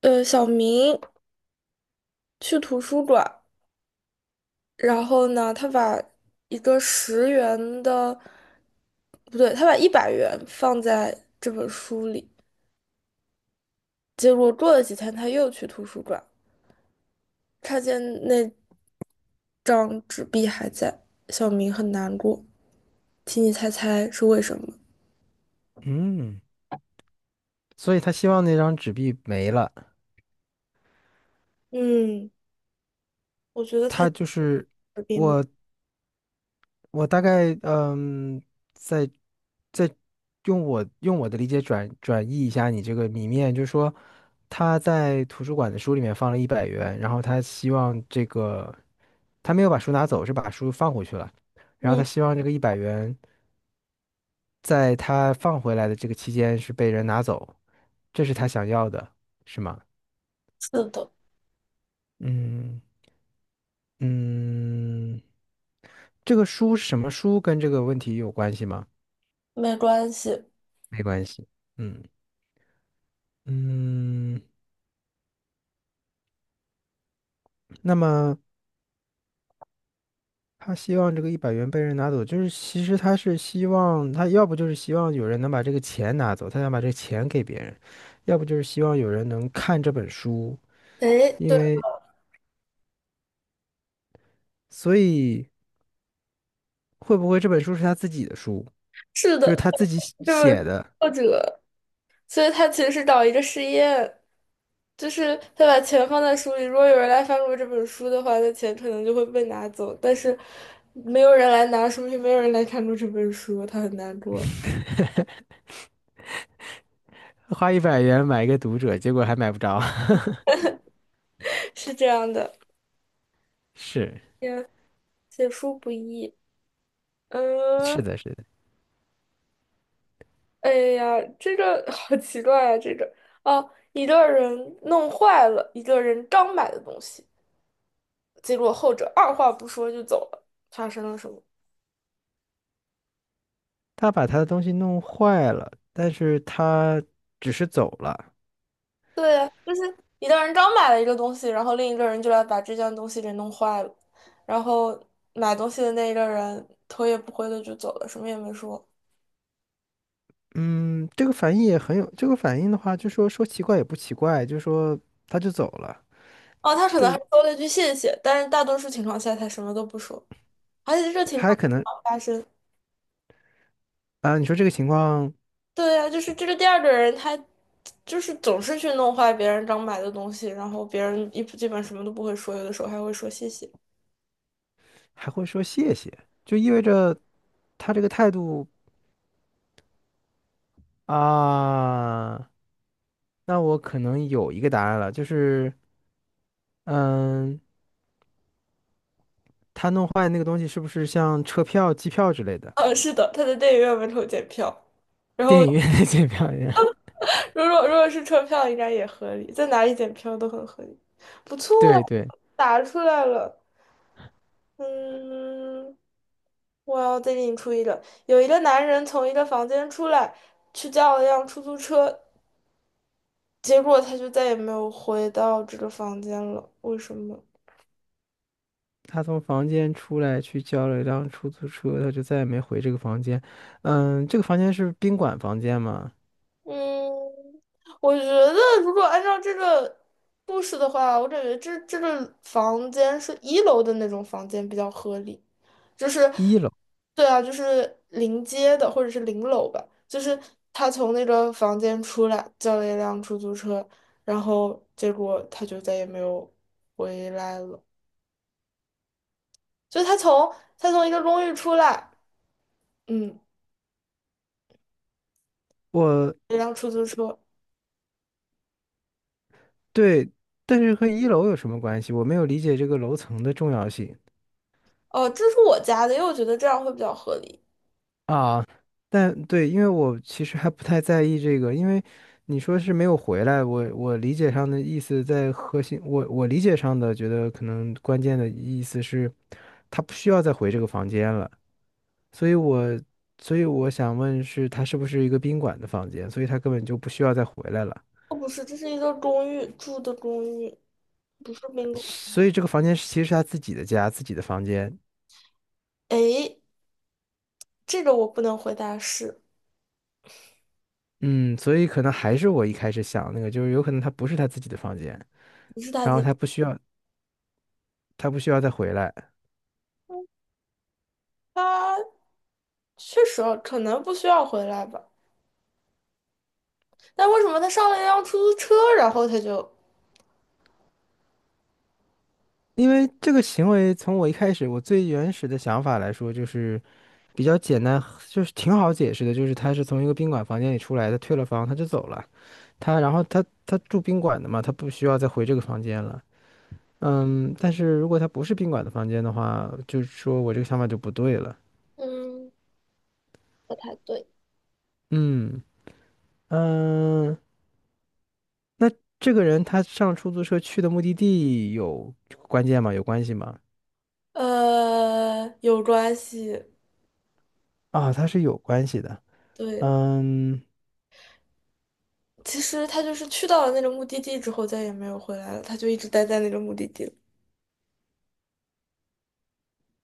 小明去图书馆，然后呢，他把一个10元的，不对，他把100元放在这本书里。结果过了几天，他又去图书馆，看见那张纸币还在，小明很难过。请你猜猜是为什么？嗯，所以他希望那张纸币没了。嗯，我觉得他他就是纸币了。我，我大概在在用我的理解转译一下你这个谜面，就是说他在图书馆的书里面放了一百元，然后他希望这个他没有把书拿走，是把书放回去了，然后嗯，他希望这个一百元在他放回来的这个期间是被人拿走，这是他想要的，是吗？是的。嗯。嗯，这个书是什么书跟这个问题有关系吗？没关系。没关系。嗯嗯，那么他希望这个一百元被人拿走，就是其实他是希望他要不就是希望有人能把这个钱拿走，他想把这个钱给别人，要不就是希望有人能看这本书，哎，因对，为所以会不会这本书是他自己的书，是就是的。他自己写这本书写的，作者，所以他其实是找一个实验，就是他把钱放在书里。如果有人来翻过这本书的话，那钱可能就会被拿走。但是没有人来拿，说明没有人来看过这本书，他很难过。花一百元买一个读者，结果还买不着。是这样的，是写书不易。嗯，是的，是的。哎呀，这个 好奇怪啊！这个哦，一个人弄坏了一个人刚买的东西，结果后者二话不说就走了，发生了什么？他把他的东西弄坏了，但是他只是走了。对呀，就是一个人刚买了一个东西，然后另一个人就来把这件东西给弄坏了，然后买东西的那一个人头也不回的就走了，什么也没说。嗯，这个反应也很有，这个反应的话，就说奇怪也不奇怪，就说他就走了。哦，他可能还对，说了一句谢谢，但是大多数情况下他什么都不说，而且这个情他还况可能老发生。啊，你说这个情况对呀，就是这个第二个人他就是总是去弄坏别人刚买的东西，然后别人一基本什么都不会说，有的时候还会说谢谢。还会说谢谢，就意味着他这个态度啊，那我可能有一个答案了，就是嗯，他弄坏那个东西是不是像车票、机票之类的，是的，他在电影院门口检票。电影院的 机票一样？如果是车票，应该也合理，在哪里检票都很合理。不错，对对。答出来了。嗯，我要再给你出一个：有一个男人从一个房间出来，去叫了一辆出租车，结果他就再也没有回到这个房间了。为什么？他从房间出来去叫了一辆出租车，他就再也没回这个房间。嗯，这个房间是宾馆房间吗？嗯，我觉得如果按照这个故事的话，我感觉这个房间是一楼的那种房间比较合理。就是一楼，对啊，就是临街的或者是临楼吧，就是他从那个房间出来，叫了一辆出租车，然后结果他就再也没有回来了。就他从一个公寓出来，嗯，我一辆出租车，对，但是和一楼有什么关系？我没有理解这个楼层的重要性哦，这是我家的，因为我觉得这样会比较合理。啊。但对，因为我其实还不太在意这个，因为你说是没有回来，我理解上的意思在核心，我理解上的觉得可能关键的意思是，他不需要再回这个房间了。所以我所以我想问是，他是不是一个宾馆的房间？所以他根本就不需要再回来了。哦，不是，这是一个公寓，住的公寓，不是宾馆。所以这个房间是其实是他自己的家，自己的房间。诶，这个我不能回答是，嗯，所以可能还是我一开始想那个，就是有可能他不是他自己的房间，不是大然后姐，他不需要再回来，他确实啊可能不需要回来吧。但为什么他上了一辆出租车，然后他就因为这个行为从我一开始我最原始的想法来说，就是比较简单，就是 挺好解释的，就是他是从一个宾馆房间里出来的，退了房他就走了，他然后他住宾馆的嘛，他不需要再回这个房间了。嗯，但是如果他不是宾馆的房间的话，就是说我这个想法就不对了。嗯，不太对。嗯嗯，那这个人他上出租车去的目的地有关键吗？有关系吗？有关系？啊，他是有关系的。对，嗯其实他就是去到了那个目的地之后，再也没有回来了，他就一直待在那个目的地了。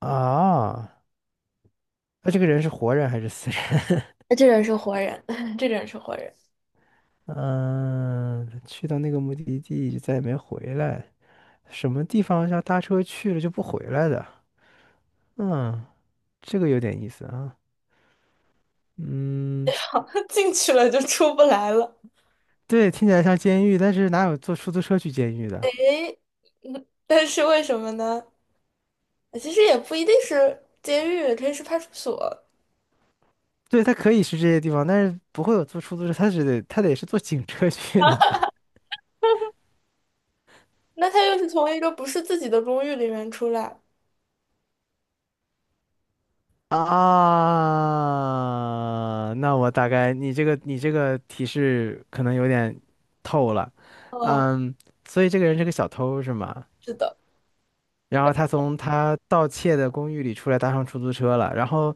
啊，那这个人是活人还是死人？那这人是活人，这个人是活人。嗯，他去到那个目的地就再也没回来，什么地方要搭车去了就不回来的？嗯，这个有点意思啊。嗯。好，进去了就出不来了。对，听起来像监狱，但是哪有坐出租车去监狱的？嗯，但是为什么呢？其实也不一定是监狱，也可以是派出所。对，他可以是这些地方，但是不会有坐出租车，他只得它得是坐警车去的吧？那他又是从一个不是自己的公寓里面出来。啊，那我大概你这个提示可能有点透了，哦，嗯，所以这个人是个小偷是吗？是的。然后他从他盗窃的公寓里出来，搭上出租车了，然后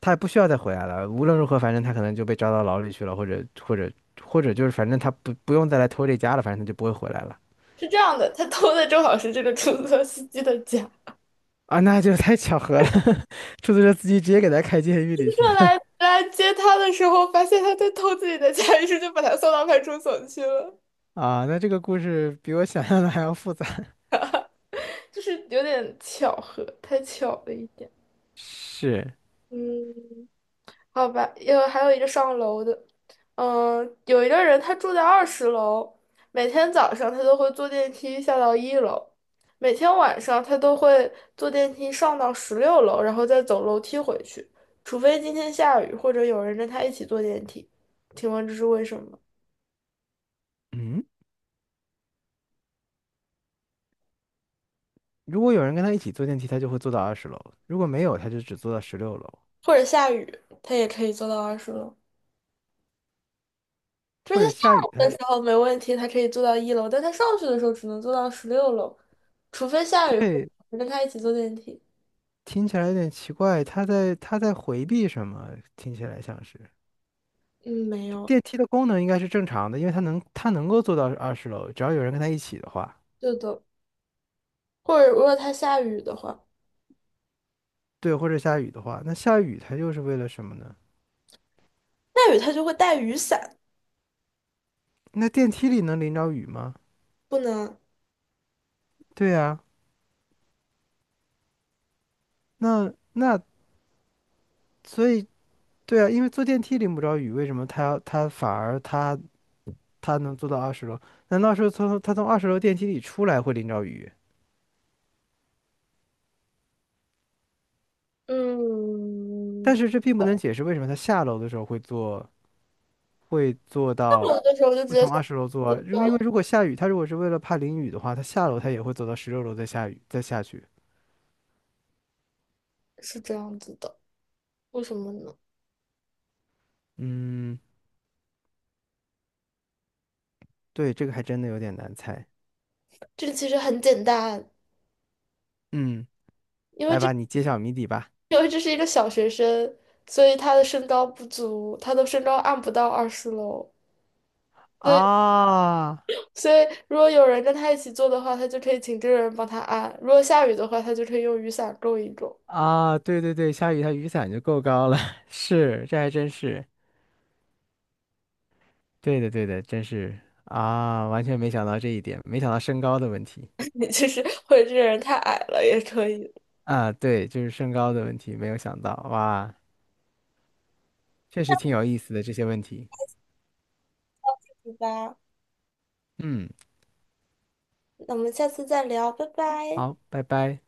他也不需要再回来了，无论如何，反正他可能就被抓到牢里去了，或者就是反正他不用再来偷这家了，反正他就不会回来了。是这样的，他偷的正好是这个出租车司机的家。啊，那就太巧合了，出租车司机直接给他开监狱里去他了 来接他的时候，发现他在偷自己的家，于是就把他送到派出所去了。啊！那这个故事比我想象的还要复杂。就是有点巧合，太巧了一点。是，嗯。好吧，还有一个上楼的。嗯，有一个人他住在二十楼，每天早上他都会坐电梯下到一楼，每天晚上他都会坐电梯上到十六楼，然后再走楼梯回去，除非今天下雨或者有人跟他一起坐电梯。请问这是为什么？嗯，如果有人跟他一起坐电梯，他就会坐到二十楼；如果没有，他就只坐到十六楼。或者下雨，他也可以坐到二十楼，就或是他者下下雨，来的时候没问题，他可以坐到一楼，但他上去的时候只能坐到十六楼，除非下雨或者对，有人跟他一起坐电梯。听起来有点奇怪，他在回避什么？听起来像是嗯，没就有。电梯的功能应该是正常的，因为他能够坐到二十楼，只要有人跟他一起的话，对的，或者如果它下雨的话，对，或者下雨的话，那下雨他又是为了什么呢？下雨他就会带雨伞，那电梯里能淋着雨吗？不能。对呀、那那所以对啊，因为坐电梯淋不着雨，为什么他反而他能坐到二十楼？难道是从他从二十楼电梯里出来会淋着雨？但嗯，是这并不能解释为什么他下楼的时候会坐到有的时候就直会接从想二十楼坐啊。如因为如果下雨，他如果是为了怕淋雨的话，他下楼他也会走到十六楼再下雨再下去。是这样子的，为什么呢？嗯，对，这个还真的有点难猜。这个其实很简单，嗯，因为来这 吧，你揭晓谜底吧。因为这是一个小学生，所以他的身高不足，他的身高按不到二十楼。所以，啊。所以如果有人跟他一起做的话，他就可以请这个人帮他按；如果下雨的话，他就可以用雨伞够一够。啊，对对对，下雨它雨伞就够高了，是，这还真是，对的对的，真是啊，完全没想到这一点，没想到身高的问题 其实或者这个人太矮了也可以。啊，对，就是身高的问题，没有想到，哇，确实挺有意思的这些问题，对吧，嗯，那我们下次再聊，拜拜。好，拜拜。